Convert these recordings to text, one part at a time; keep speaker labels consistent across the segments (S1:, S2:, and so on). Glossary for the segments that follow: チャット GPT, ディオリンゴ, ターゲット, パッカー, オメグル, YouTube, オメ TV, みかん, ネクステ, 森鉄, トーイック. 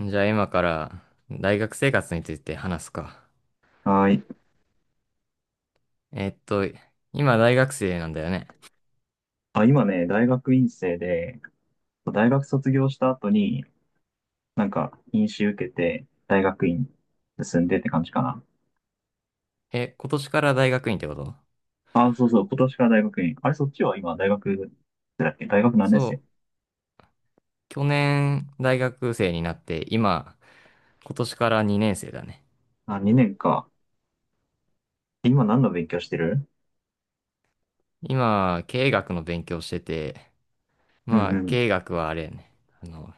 S1: じゃあ今から大学生活について話すか。
S2: はい。
S1: えっと、今大学生なんだよね。
S2: あ、今ね、大学院生で、大学卒業した後に、院試受けて、大学院進んでって感じかな。
S1: え、今年から大学院ってこと？
S2: あ、そうそう、今年から大学院。あれ、そっちは今、大学、だっけ大学何年
S1: そ
S2: 生？
S1: う。去年大学生になって今、今年から2年生だね。
S2: あ、2年か。今何の勉強してる？
S1: 今、経営学の勉強してて、
S2: う
S1: まあ経
S2: ん
S1: 営学はあれやね。あの、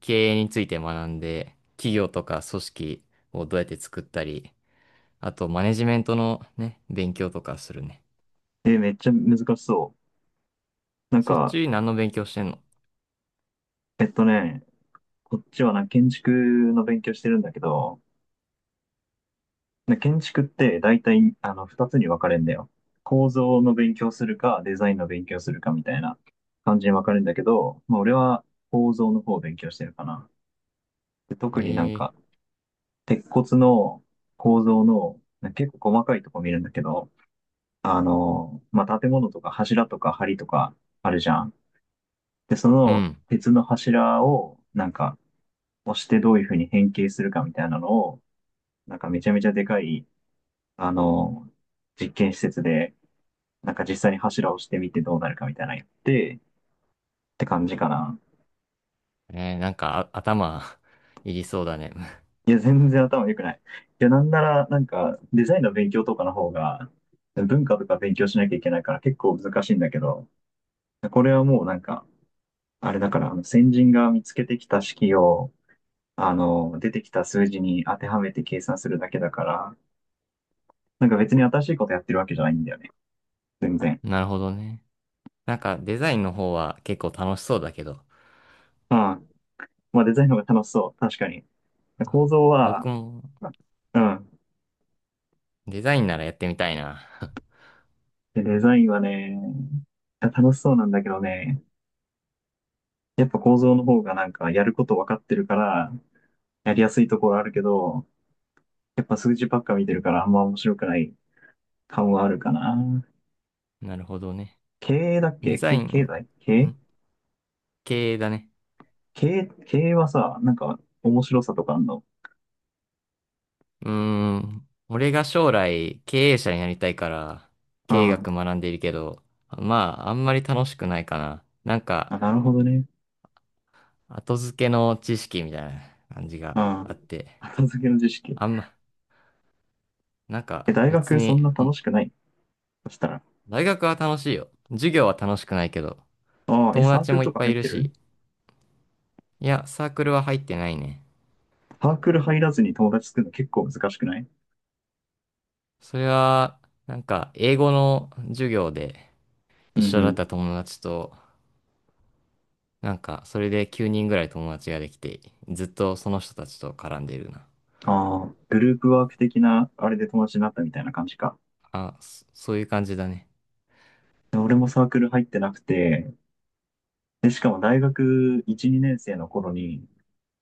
S1: 経営について学んで、企業とか組織をどうやって作ったり、あとマネジメントのね、勉強とかするね。
S2: うん。え、めっちゃ難しそう。
S1: そっち何の勉強してんの？
S2: えっとね、こっちはな、建築の勉強してるんだけど、で建築って大体あの二つに分かれるんだよ。構造の勉強するかデザインの勉強するかみたいな感じに分かれるんだけど、まあ、俺は構造の方を勉強してるかな。で特になん
S1: ええ、
S2: か鉄骨の構造の結構細かいとこ見るんだけど、まあ、建物とか柱とか梁とかあるじゃん。で、そ
S1: ーう
S2: の
S1: ん。
S2: 鉄の柱をなんか押してどういうふうに変形するかみたいなのを、なんかめちゃめちゃでかい、あの、実験施設でなんか実際に柱をしてみてどうなるかみたいなのやって、って感じかな。
S1: ねえ、なんかあ頭 いりそうだね。
S2: いや、全然頭良くない。いや、なんなら、なんか、デザインの勉強とかの方が、文化とか勉強しなきゃいけないから結構難しいんだけど、これはもうなんか、あれだから、先人が見つけてきた式を、出てきた数字に当てはめて計算するだけだから、なんか別に新しいことやってるわけじゃないんだよね。全然。
S1: なるほどね。なんかデザインの方は結構楽しそうだけど、
S2: うん。まあデザインの方が楽しそう。確かに。構造
S1: 僕
S2: は、
S1: も
S2: うん。
S1: デザインならやってみたいな。
S2: でデザインはね、楽しそうなんだけどね、やっぱ構造の方がなんかやること分かってるから、やりやすいところあるけど、やっぱ数字ばっか見てるからあんま面白くない感はあるかな。
S1: なるほどね。
S2: 経営だっ
S1: デ
S2: け
S1: ザイン、
S2: 経
S1: ん、
S2: 済経営？
S1: 経営だね。
S2: 経営、経営はさ、なんか面白さとかあんの？
S1: うーん。俺が将来経営者になりたいから
S2: う
S1: 経営学
S2: ん。
S1: 学んでいるけど、まああんまり楽しくないかな。なんか
S2: あ、なるほどね。
S1: 後付けの知識みたいな感じ
S2: う
S1: があっ
S2: ん。
S1: て、
S2: 後付けの知識。
S1: あんま、なんか
S2: え、大
S1: 別
S2: 学そん
S1: に。
S2: な楽しくないそしたら？
S1: 大学は楽しいよ。授業は楽しくないけど、
S2: ああ、え、
S1: 友
S2: サー
S1: 達
S2: クル
S1: もいっ
S2: とか
S1: ぱい
S2: 入
S1: い
S2: っ
S1: る
S2: てる？
S1: し、いや、サークルは入ってないね。
S2: サークル入らずに友達作るの結構難しくない？
S1: それは、英語の授業で
S2: う
S1: 一
S2: んう
S1: 緒だった
S2: ん。
S1: 友達と、なんか、それで9人ぐらい友達ができて、ずっとその人たちと絡んでいるな。
S2: ああ、グループワーク的な、あれで友達になったみたいな感じか。
S1: あ、そういう感じだね。
S2: で俺もサークル入ってなくて、で、しかも大学1、2年生の頃に、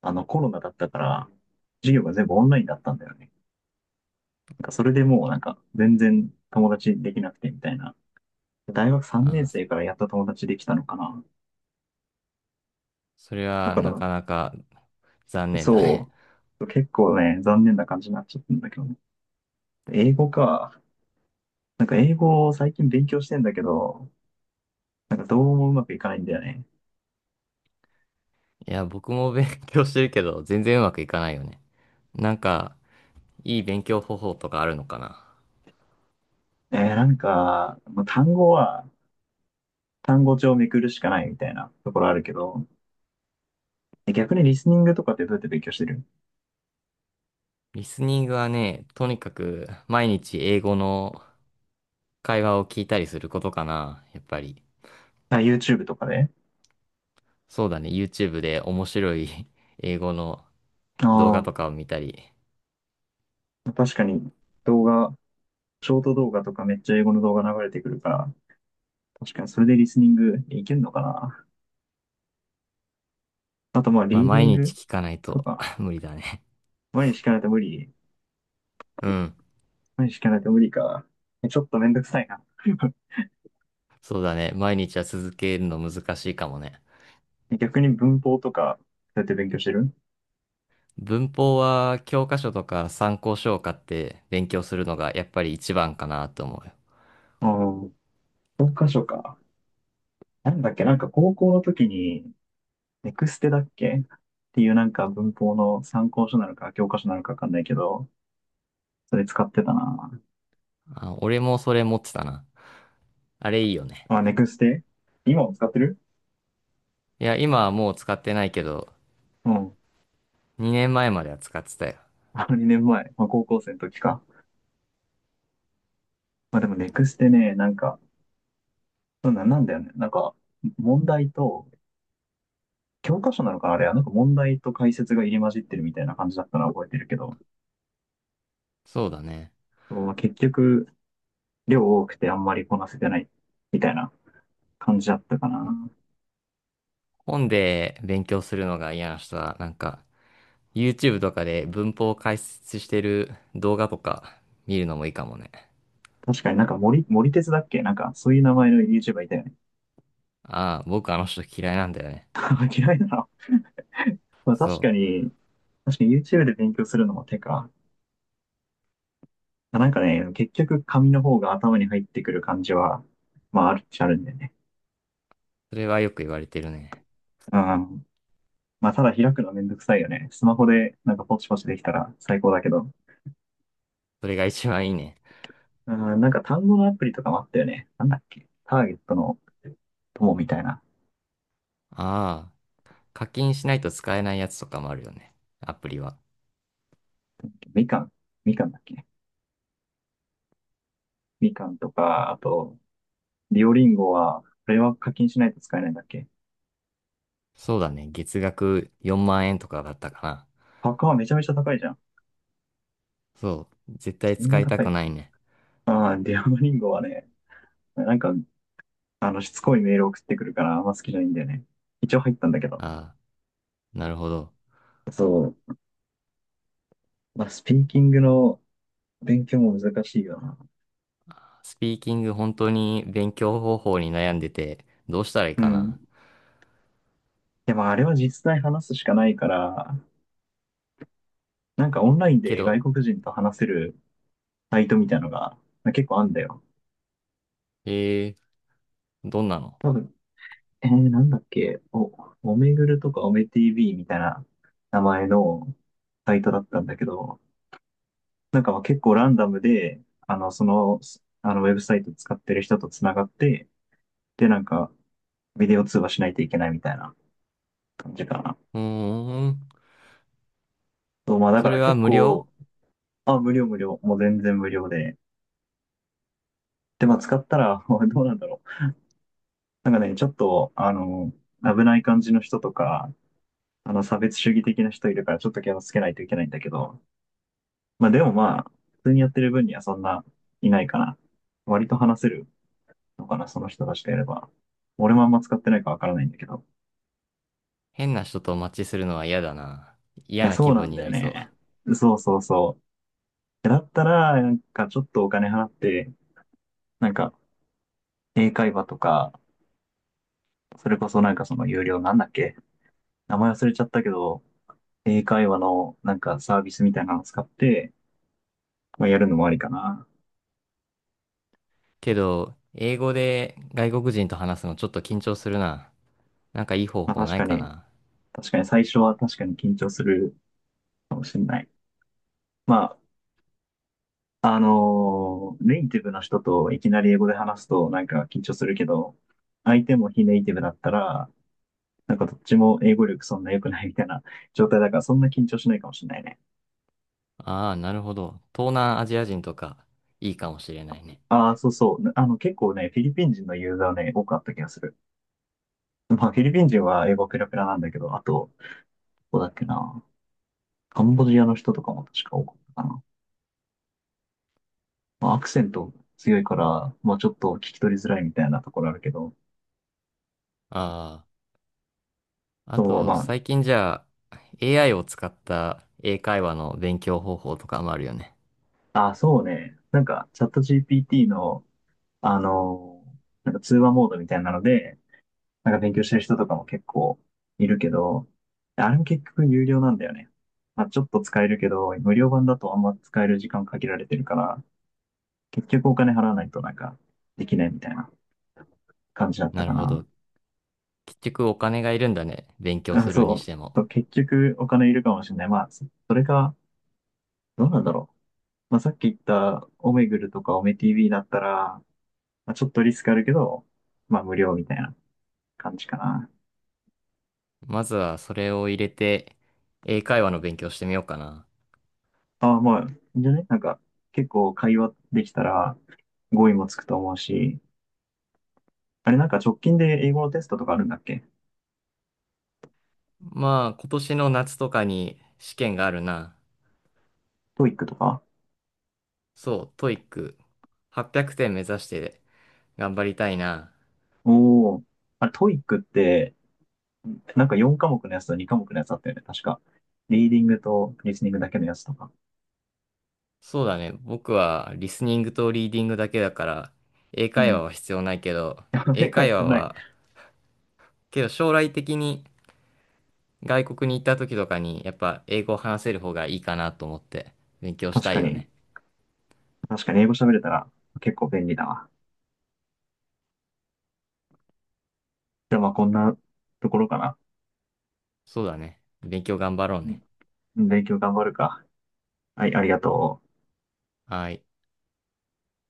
S2: コロナだったから、授業が全部オンラインだったんだよね。それでもう、全然友達できなくてみたいな。大学3年
S1: あ、
S2: 生からやっと友達できたのかな。
S1: それ
S2: だ
S1: は
S2: か
S1: な
S2: ら、
S1: かなか残念だね。
S2: そう、結構ね、残念な感じになっちゃったんだけどね。英語か。なんか英語を最近勉強してんだけど、なんかどうもうまくいかないんだよね。
S1: いや、僕も勉強してるけど、全然うまくいかないよね。なんか、いい勉強方法とかあるのかな？
S2: もう単語は単語帳をめくるしかないみたいなところあるけど、え逆にリスニングとかってどうやって勉強してる？
S1: リスニングはね、とにかく毎日英語の会話を聞いたりすることかな、やっぱり。
S2: あ、YouTube とかで？
S1: そうだね、YouTube で面白い 英語の動画
S2: あ
S1: とかを見たり。
S2: あ、確かに動画、ショート動画とかめっちゃ英語の動画流れてくるから、確かにそれでリスニングいけるのかな。あとまあ、
S1: まあ
S2: リーディ
S1: 毎
S2: ン
S1: 日
S2: グ
S1: 聞かない
S2: と
S1: と
S2: か、
S1: 無理だね。
S2: 毎日しかないと無理。
S1: うん。
S2: 毎日しかないと無理か。えちょっとめんどくさいな。
S1: そうだね、毎日は続けるの難しいかもね。
S2: 逆に文法とか、どうやって勉強してる？
S1: 文法は教科書とか参考書を買って勉強するのがやっぱり一番かなと思うよ。
S2: ああー、教科書か。なんだっけ、なんか高校の時に、ネクステだっけっていうなんか文法の参考書なのか教科書なのかわかんないけど、それ使ってたな。
S1: あ、俺もそれ持ってたな。あれいいよね。
S2: あ、ネクステ今も使ってる？
S1: いや、今はもう使ってないけど、
S2: うん。
S1: 2年前まえまでは使ってたよ。
S2: あの2年前、まあ、高校生の時か。まあでもネクステね、なんか、そうな、なんだよね。なんか、問題と、教科書なのかなあれは、なんか問題と解説が入り混じってるみたいな感じだったのは覚えてるけど、
S1: そうだね。
S2: まあ、結局、量多くてあんまりこなせてないみたいな感じだったかな。
S1: 本で勉強するのが嫌な人は、なんか、YouTube とかで文法を解説してる動画とか見るのもいいかもね。
S2: 確かに森鉄だっけなんか、そういう名前の YouTuber いたよね。
S1: ああ、僕あの人嫌いなんだよね。
S2: 嫌いなの。まあ
S1: そ
S2: 確か
S1: う。
S2: に、確かに YouTube で勉強するのも手か。まあなんかね、結局紙の方が頭に入ってくる感じは、まああるっちゃあるんだよね。
S1: それはよく言われてるね。
S2: うん。まあただ開くのめんどくさいよね。スマホでなんかポチポチできたら最高だけど。
S1: それが一番いいね。
S2: うん、なんか単語のアプリとかもあったよね。なんだっけ。ターゲットの友みたいな。
S1: ああ、課金しないと使えないやつとかもあるよね。アプリは。
S2: みかん。みかんだっけ。みかんとか、あと、ディオリンゴは、これは課金しないと使えないんだっけ。
S1: そうだね。月額4万円とかだったかな。
S2: パッカーはめちゃめちゃ高いじゃん。
S1: そう。絶対
S2: そんな
S1: 使いた
S2: 高
S1: く
S2: い。
S1: ないね。
S2: ああ、ディオリンゴはね、なんか、しつこいメール送ってくるから、あんま好きじゃないんだよね。一応入ったんだけど。
S1: ああ、なるほど。
S2: そう。まあ、スピーキングの勉強も難しいよな。
S1: スピーキング本当に勉強方法に悩んでて、どうしたらいい
S2: う
S1: か
S2: ん。
S1: な。
S2: でも、あれは実際話すしかないから、なんかオンライン
S1: け
S2: で外
S1: ど、
S2: 国人と話せるサイトみたいのが、結構あんだよ。
S1: えー、どんなの？
S2: 多分、なんだっけ、おめぐるとかおめ TV みたいな名前のサイトだったんだけど、なんかまあ結構ランダムで、あの、その、ウェブサイト使ってる人とつながって、で、なんか、ビデオ通話しないといけないみたいな感じかな。
S1: うーん、
S2: そう、まあだ
S1: そ
S2: か
S1: れ
S2: ら
S1: は
S2: 結
S1: 無
S2: 構、
S1: 料？
S2: あ、無料、もう全然無料で。で、まあ使ったら、どうなんだろう。なんかね、ちょっと、危ない感じの人とか、差別主義的な人いるからちょっと気をつけないといけないんだけど、まあでもまあ、普通にやってる分にはそんないないかな。割と話せるのかな、その人たちとやれば。俺もあんま使ってないかわからないんだけど。
S1: 変な人とマッチするのは嫌だな。
S2: い
S1: 嫌
S2: や、
S1: な
S2: そ
S1: 気
S2: うな
S1: 分
S2: ん
S1: に
S2: だ
S1: な
S2: よ
S1: りそう。
S2: ね。そうそうそだったら、なんかちょっとお金払って、なんか英会話とか、それこそなんかその有料なんだっけ名前忘れちゃったけど、英会話のなんかサービスみたいなのを使って、まあ、やるのもありかな。
S1: けど、英語で外国人と話すのちょっと緊張するな。なんかいい方
S2: まあ
S1: 法
S2: 確
S1: ない
S2: か
S1: か
S2: に、
S1: な。
S2: 最初は確かに緊張するかもしれない。まあ、ネイティブの人といきなり英語で話すとなんか緊張するけど、相手も非ネイティブだったら、なんかどっちも英語力そんな良くないみたいな状態だからそんな緊張しないかもしれないね。
S1: ああ、なるほど。東南アジア人とか、いいかもしれないね。
S2: ああ、そうそう。あの結構ね、フィリピン人のユーザーね、多くあった気がする。まあ、フィリピン人は英語ペラペラなんだけど、あと、どこだっけな。カンボジアの人とかも確か多かったかな。まあ、アクセント強いから、まあ、ちょっと聞き取りづらいみたいなところあるけど、
S1: ああ、あ
S2: そう、
S1: と、
S2: ま
S1: 最近じゃあ、AI を使った英会話の勉強方法とかもあるよね。
S2: あ、あ、そうね。なんか、チャット GPT の、あの、なんか通話モードみたいなので、なんか勉強してる人とかも結構いるけど、あれも結局有料なんだよね。まあ、ちょっと使えるけど、無料版だとあんま使える時間限られてるから、結局お金払わないとなんかできないみたいな。感じだった
S1: なる
S2: か
S1: ほ
S2: な。
S1: ど。結局お金がいるんだね。勉強
S2: あ、
S1: するにし
S2: そ
S1: ても。
S2: う。結局お金いるかもしれない。まあ、それか、どうなんだろう。まあ、さっき言ったオメグルとかオメ TV だったら、まあ、ちょっとリスクあるけど、まあ無料みたいな感じかな。
S1: まずはそれを入れて、英会話の勉強してみようかな。
S2: ああ、まあ、いいんじゃね？なんか、結構会話できたら語彙もつくと思うし、あれなんか直近で英語のテストとかあるんだっけ？
S1: まあ、今年の夏とかに試験があるな。
S2: トーイックとか？
S1: そう、トイック800点目指して頑張りたいな。
S2: おお。あれトーイックって、なんか4科目のやつと2科目のやつあったよね、確か。リーディングとリスニングだけのやつとか。
S1: そうだね。僕はリスニングとリーディングだけだから、英
S2: う
S1: 会話
S2: ん。
S1: は必要ないけど、
S2: 加盟
S1: 英
S2: 会
S1: 会
S2: 必
S1: 話
S2: ない。
S1: は、けど将来的に外国に行った時とかに、やっぱ英語を話せる方がいいかなと思って勉強し
S2: 確
S1: たい
S2: か
S1: よ
S2: に。
S1: ね。
S2: 確かに英語喋れたら結構便利だわ。じゃあまあこんなところかな。
S1: そうだね。勉強頑張ろう
S2: う
S1: ね。
S2: ん勉強頑張るか。はい、ありがとう。
S1: はい。